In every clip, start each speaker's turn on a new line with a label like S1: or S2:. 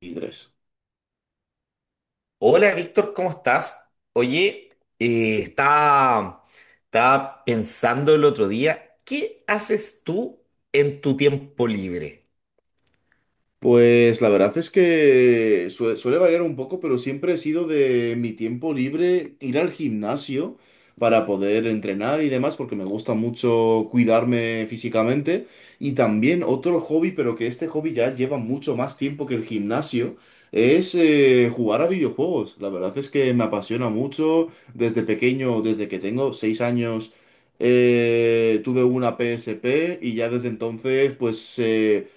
S1: Y tres.
S2: Hola Víctor, ¿cómo estás? Oye, eh, estaba, estaba pensando el otro día, ¿qué haces tú en tu tiempo libre?
S1: Pues la verdad es que suele variar un poco, pero siempre he sido de mi tiempo libre ir al gimnasio para poder entrenar y demás, porque me gusta mucho cuidarme físicamente. Y también otro hobby, pero que este hobby ya lleva mucho más tiempo que el gimnasio, es jugar a videojuegos. La verdad es que me apasiona mucho. Desde pequeño, desde que tengo 6 años, tuve una PSP y ya desde entonces, pues,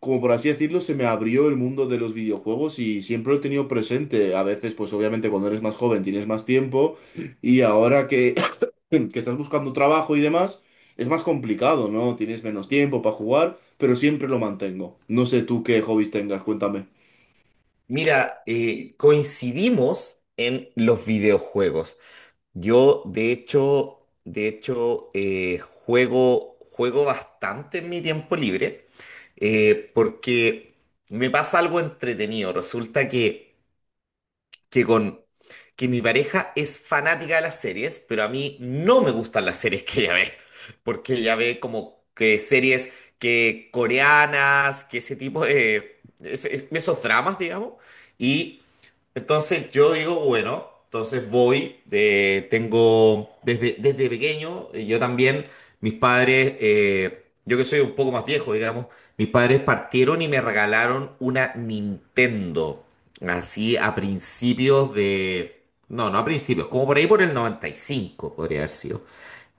S1: como por así decirlo, se me abrió el mundo de los videojuegos y siempre lo he tenido presente. A veces, pues obviamente cuando eres más joven tienes más tiempo y ahora que, que estás buscando trabajo y demás, es más complicado, ¿no? Tienes menos tiempo para jugar, pero siempre lo mantengo. No sé tú qué hobbies tengas, cuéntame.
S2: Mira, coincidimos en los videojuegos. Yo, de hecho, de hecho, juego bastante en mi tiempo libre, porque me pasa algo entretenido. Resulta que que con que mi pareja es fanática de las series, pero a mí no me gustan las series que ella ve, porque ella ve como que series que coreanas, que ese tipo de es- esos dramas, digamos. Y entonces yo digo, bueno, entonces voy, tengo desde pequeño, yo también, yo que soy un poco más viejo, digamos, mis padres partieron y me regalaron una Nintendo, así a principios de, no, no a principios, como por ahí por el 95 podría haber sido.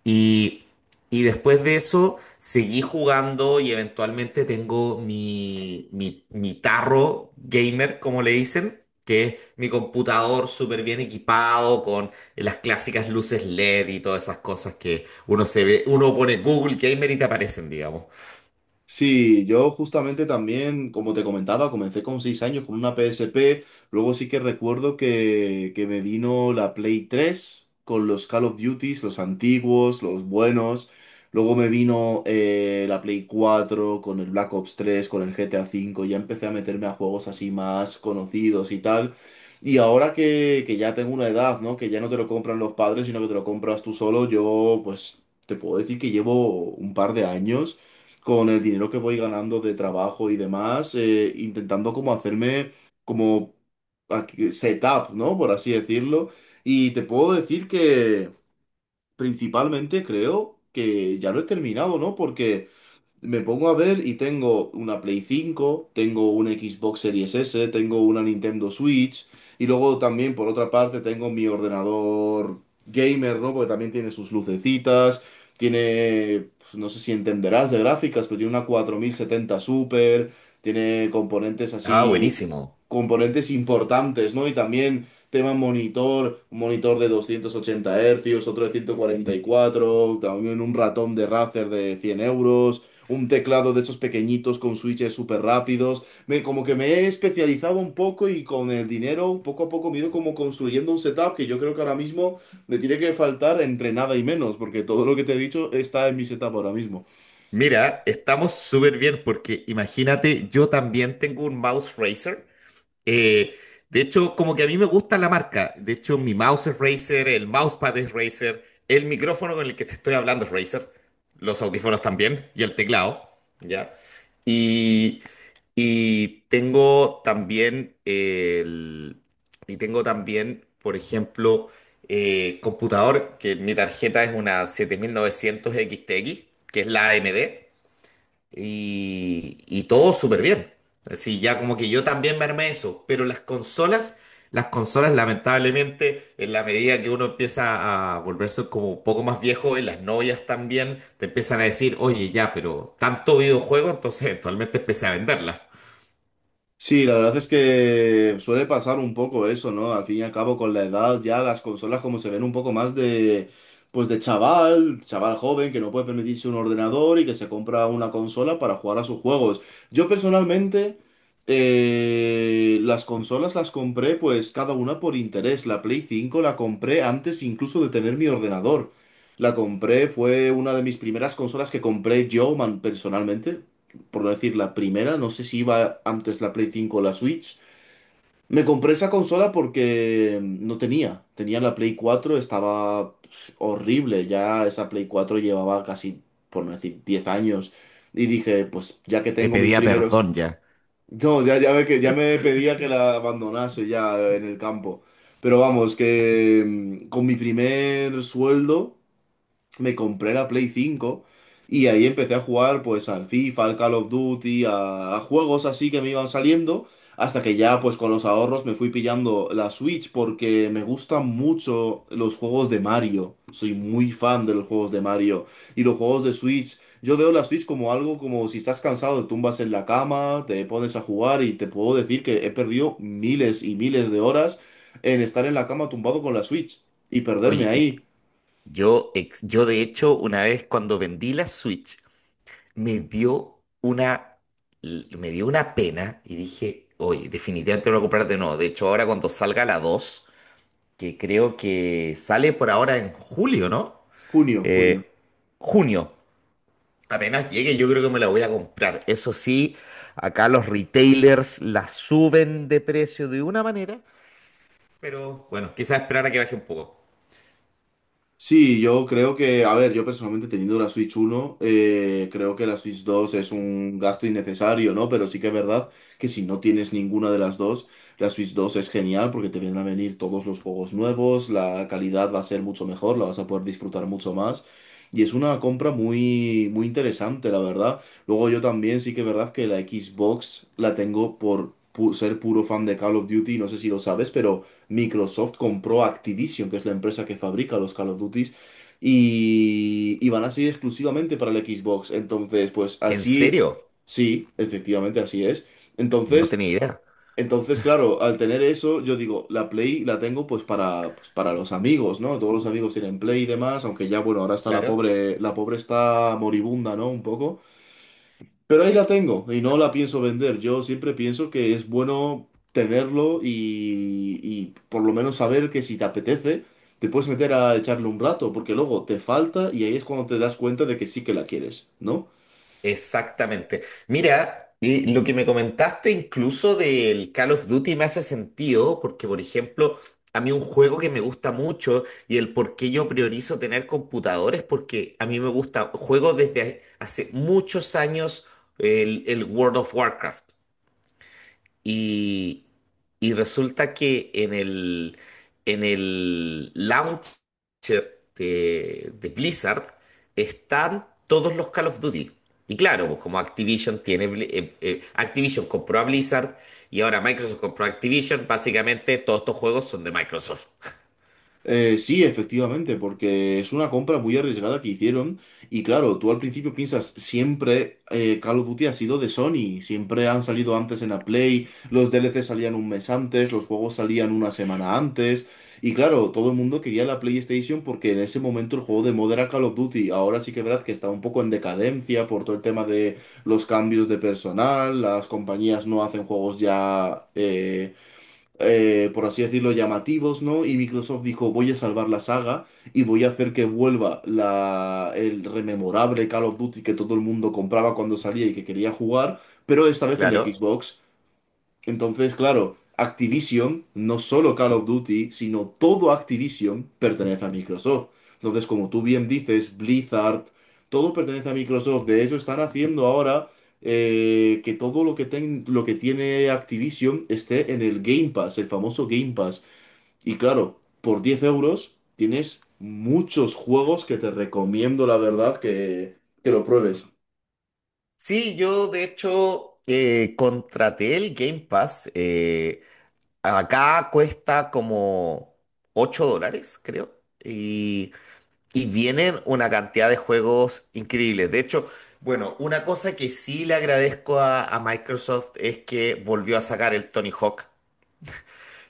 S2: Y, y después de eso seguí jugando y eventualmente tengo mi tarro gamer, como le dicen, que es mi computador súper bien equipado con las clásicas luces LED y todas esas cosas que uno se ve, uno pone Google Gamer y te aparecen, digamos.
S1: Sí, yo justamente también, como te comentaba, comencé con 6 años con una PSP, luego sí que recuerdo que me vino la Play 3 con los Call of Duties, los antiguos, los buenos, luego me vino la Play 4 con el Black Ops 3, con el GTA 5. Ya empecé a meterme a juegos así más conocidos y tal. Y ahora que ya tengo una edad, ¿no? Que ya no te lo compran los padres, sino que te lo compras tú solo, yo pues te puedo decir que llevo un par de años con el dinero que voy ganando de trabajo y demás, intentando como hacerme como setup, ¿no? Por así decirlo. Y te puedo decir que principalmente creo que ya lo he terminado, ¿no? Porque. Me pongo a ver y tengo una Play 5, tengo una Xbox Series S, tengo una Nintendo Switch y luego también por otra parte tengo mi ordenador gamer, ¿no? Porque también tiene sus lucecitas, tiene, pues, no sé si entenderás de gráficas, pero tiene una 4070 Super, tiene componentes
S2: Ah,
S1: así,
S2: buenísimo.
S1: componentes importantes, ¿no? Y también tema monitor, un monitor de 280 Hz, otro de 144, también un ratón de Razer de 100 euros, un teclado de esos pequeñitos con switches súper rápidos. Me, como que me he especializado un poco y con el dinero, poco a poco, me he ido como construyendo un setup que yo creo que ahora mismo me tiene que faltar entre nada y menos, porque todo lo que te he dicho está en mi setup ahora mismo.
S2: Mira, estamos súper bien porque imagínate, yo también tengo un mouse Razer. Eh, como que a mí me gusta la marca. De hecho, mi mouse es Razer, el mousepad es Razer, el micrófono con el que te estoy hablando es Razer, los audífonos también y el teclado, ¿ya? Y, y tengo también el, y tengo también, por ejemplo, computador, que mi tarjeta es una 7900 x, que es la AMD, y todo súper bien. Así ya como que yo también me armé eso, pero las consolas lamentablemente en la medida que uno empieza a volverse como un poco más viejo, y las novias también te empiezan a decir, oye ya, pero tanto videojuego, entonces eventualmente empecé a venderlas.
S1: Sí, la verdad es que suele pasar un poco eso, ¿no? Al fin y al cabo, con la edad, ya las consolas como se ven un poco más de, pues de chaval, chaval joven que no puede permitirse un ordenador y que se compra una consola para jugar a sus juegos. Yo personalmente, las consolas las compré pues cada una por interés. La Play 5 la compré antes incluso de tener mi ordenador. La compré, fue una de mis primeras consolas que compré yo personalmente, por no decir la primera, no sé si iba antes la Play 5 o la Switch. Me compré esa consola porque no tenía. Tenía la Play 4, estaba, pues, horrible. Ya esa Play 4 llevaba casi, por no decir, 10 años. Y dije, pues ya que
S2: Te
S1: tengo mis
S2: pedía
S1: primeros.
S2: perdón ya.
S1: No, ya, ya, ya me pedía que la abandonase ya en el campo. Pero vamos, que con mi primer sueldo me compré la Play 5 y ahí empecé a jugar pues al FIFA, al Call of Duty, a juegos así que me iban saliendo, hasta que ya pues con los ahorros me fui pillando la Switch porque me gustan mucho los juegos de Mario. Soy muy fan de los juegos de Mario y los juegos de Switch. Yo veo la Switch como algo como si estás cansado, te tumbas en la cama, te pones a jugar y te puedo decir que he perdido miles y miles de horas en estar en la cama tumbado con la Switch y perderme
S2: Oye,
S1: ahí.
S2: yo de hecho una vez cuando vendí la Switch, me dio una, me dio una pena y dije, oye, definitivamente no lo voy a comprar de nuevo. De hecho, ahora cuando salga la dos, que creo que sale por ahora en julio, ¿no?
S1: Junio, junio.
S2: Eh, junio. Apenas llegue, yo creo que me la voy a comprar. Eso sí, acá los retailers la suben de precio de una manera, pero bueno, quizás esperar a que baje un poco.
S1: Sí, yo creo que, a ver, yo personalmente teniendo la Switch 1, creo que la Switch 2 es un gasto innecesario, ¿no? Pero sí que es verdad que si no tienes ninguna de las dos, la Switch 2 es genial porque te vienen a venir todos los juegos nuevos, la calidad va a ser mucho mejor, la vas a poder disfrutar mucho más. Y es una compra muy, muy interesante, la verdad. Luego yo también sí que es verdad que la Xbox la tengo por ser puro fan de Call of Duty, no sé si lo sabes, pero. Microsoft compró Activision, que es la empresa que fabrica los Call of Duty, y van a ser exclusivamente para el Xbox. Entonces, pues
S2: ¿En
S1: así,
S2: serio?
S1: sí, efectivamente así es.
S2: No
S1: Entonces,
S2: tenía idea.
S1: entonces, claro, al tener eso, yo digo, la Play la tengo pues para, pues, para los amigos, ¿no? Todos los amigos tienen Play y demás, aunque ya, bueno, ahora está
S2: Claro.
S1: la pobre está moribunda, ¿no? Un poco. Pero ahí la tengo y no la pienso vender. Yo siempre pienso que es bueno tenerlo y por lo menos saber que si te apetece, te puedes meter a echarle un rato, porque luego te falta y ahí es cuando te das cuenta de que sí que la quieres, ¿no?
S2: Exactamente. Mira, y lo que me comentaste incluso del Call of Duty me hace sentido, porque por ejemplo, a mí un juego que me gusta mucho y el por qué yo priorizo tener computadores, porque a mí me gusta, juego desde hace muchos años el World of Warcraft. Y, y resulta que en el launcher de Blizzard están todos los Call of Duty. Y claro, pues como Activision compró a Blizzard y ahora Microsoft compró a Activision, básicamente todos estos juegos son de Microsoft.
S1: Sí, efectivamente, porque es una compra muy arriesgada que hicieron y claro, tú al principio piensas, siempre Call of Duty ha sido de Sony, siempre han salido antes en la Play, los DLC salían un mes antes, los juegos salían una semana antes y claro, todo el mundo quería la PlayStation porque en ese momento el juego de moda era Call of Duty, ahora sí que es verdad que está un poco en decadencia por todo el tema de los cambios de personal, las compañías no hacen juegos ya, por así decirlo, llamativos, ¿no? Y Microsoft dijo, voy a salvar la saga y voy a hacer que vuelva la, el rememorable Call of Duty que todo el mundo compraba cuando salía y que quería jugar, pero esta vez en la
S2: Claro.
S1: Xbox. Entonces, claro, Activision, no solo Call of Duty, sino todo Activision pertenece a Microsoft. Entonces, como tú bien dices, Blizzard, todo pertenece a Microsoft. De hecho, están haciendo ahora que todo lo que tiene Activision esté en el Game Pass, el famoso Game Pass. Y claro, por 10 euros tienes muchos juegos que te recomiendo, la verdad, que lo pruebes.
S2: Sí, yo de hecho contraté el Game Pass. Eh, acá cuesta como $8, creo. Y vienen una cantidad de juegos increíbles. De hecho, bueno, una cosa que sí le agradezco a Microsoft es que volvió a sacar el Tony Hawk.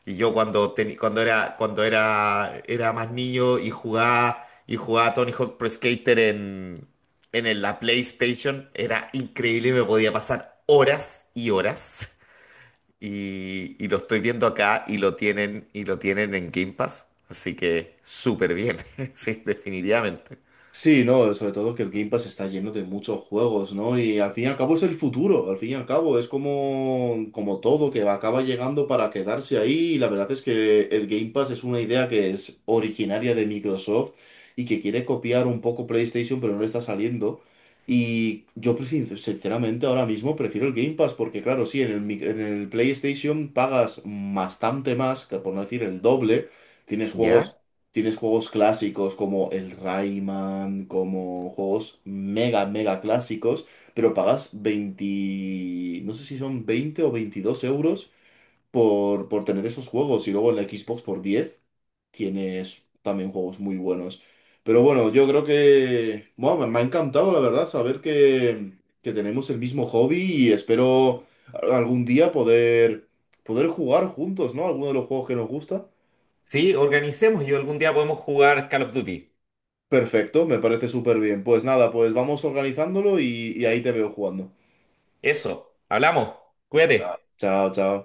S2: Y yo cuando era más niño y jugaba Tony Hawk Pro Skater en, la PlayStation, era increíble, me podía pasar horas y horas y lo estoy viendo acá y lo tienen en Game Pass. Así que súper bien, sí, definitivamente.
S1: Sí, no, sobre todo que el Game Pass está lleno de muchos juegos, ¿no? Y al fin y al cabo es el futuro, al fin y al cabo es como, como todo que acaba llegando para quedarse ahí y la verdad es que el Game Pass es una idea que es originaria de Microsoft y que quiere copiar un poco PlayStation pero no le está saliendo. Y yo pues, sinceramente ahora mismo prefiero el Game Pass porque claro, sí, en el PlayStation pagas bastante más, que por no decir el doble. Tienes
S2: ¿Ya?
S1: juegos. Tienes juegos clásicos como el Rayman, como juegos mega, mega clásicos, pero pagas 20, no sé si son 20 o 22 euros por tener esos juegos. Y luego en la Xbox por 10 tienes también juegos muy buenos. Pero bueno, yo creo que, bueno, me ha encantado, la verdad, saber que tenemos el mismo hobby y espero algún día poder, poder jugar juntos, ¿no? Alguno de los juegos que nos gusta.
S2: Sí, organicemos y algún día podemos jugar Call of Duty.
S1: Perfecto, me parece súper bien. Pues nada, pues vamos organizándolo y ahí te veo jugando.
S2: Eso, hablamos, cuídate.
S1: Chao, chao.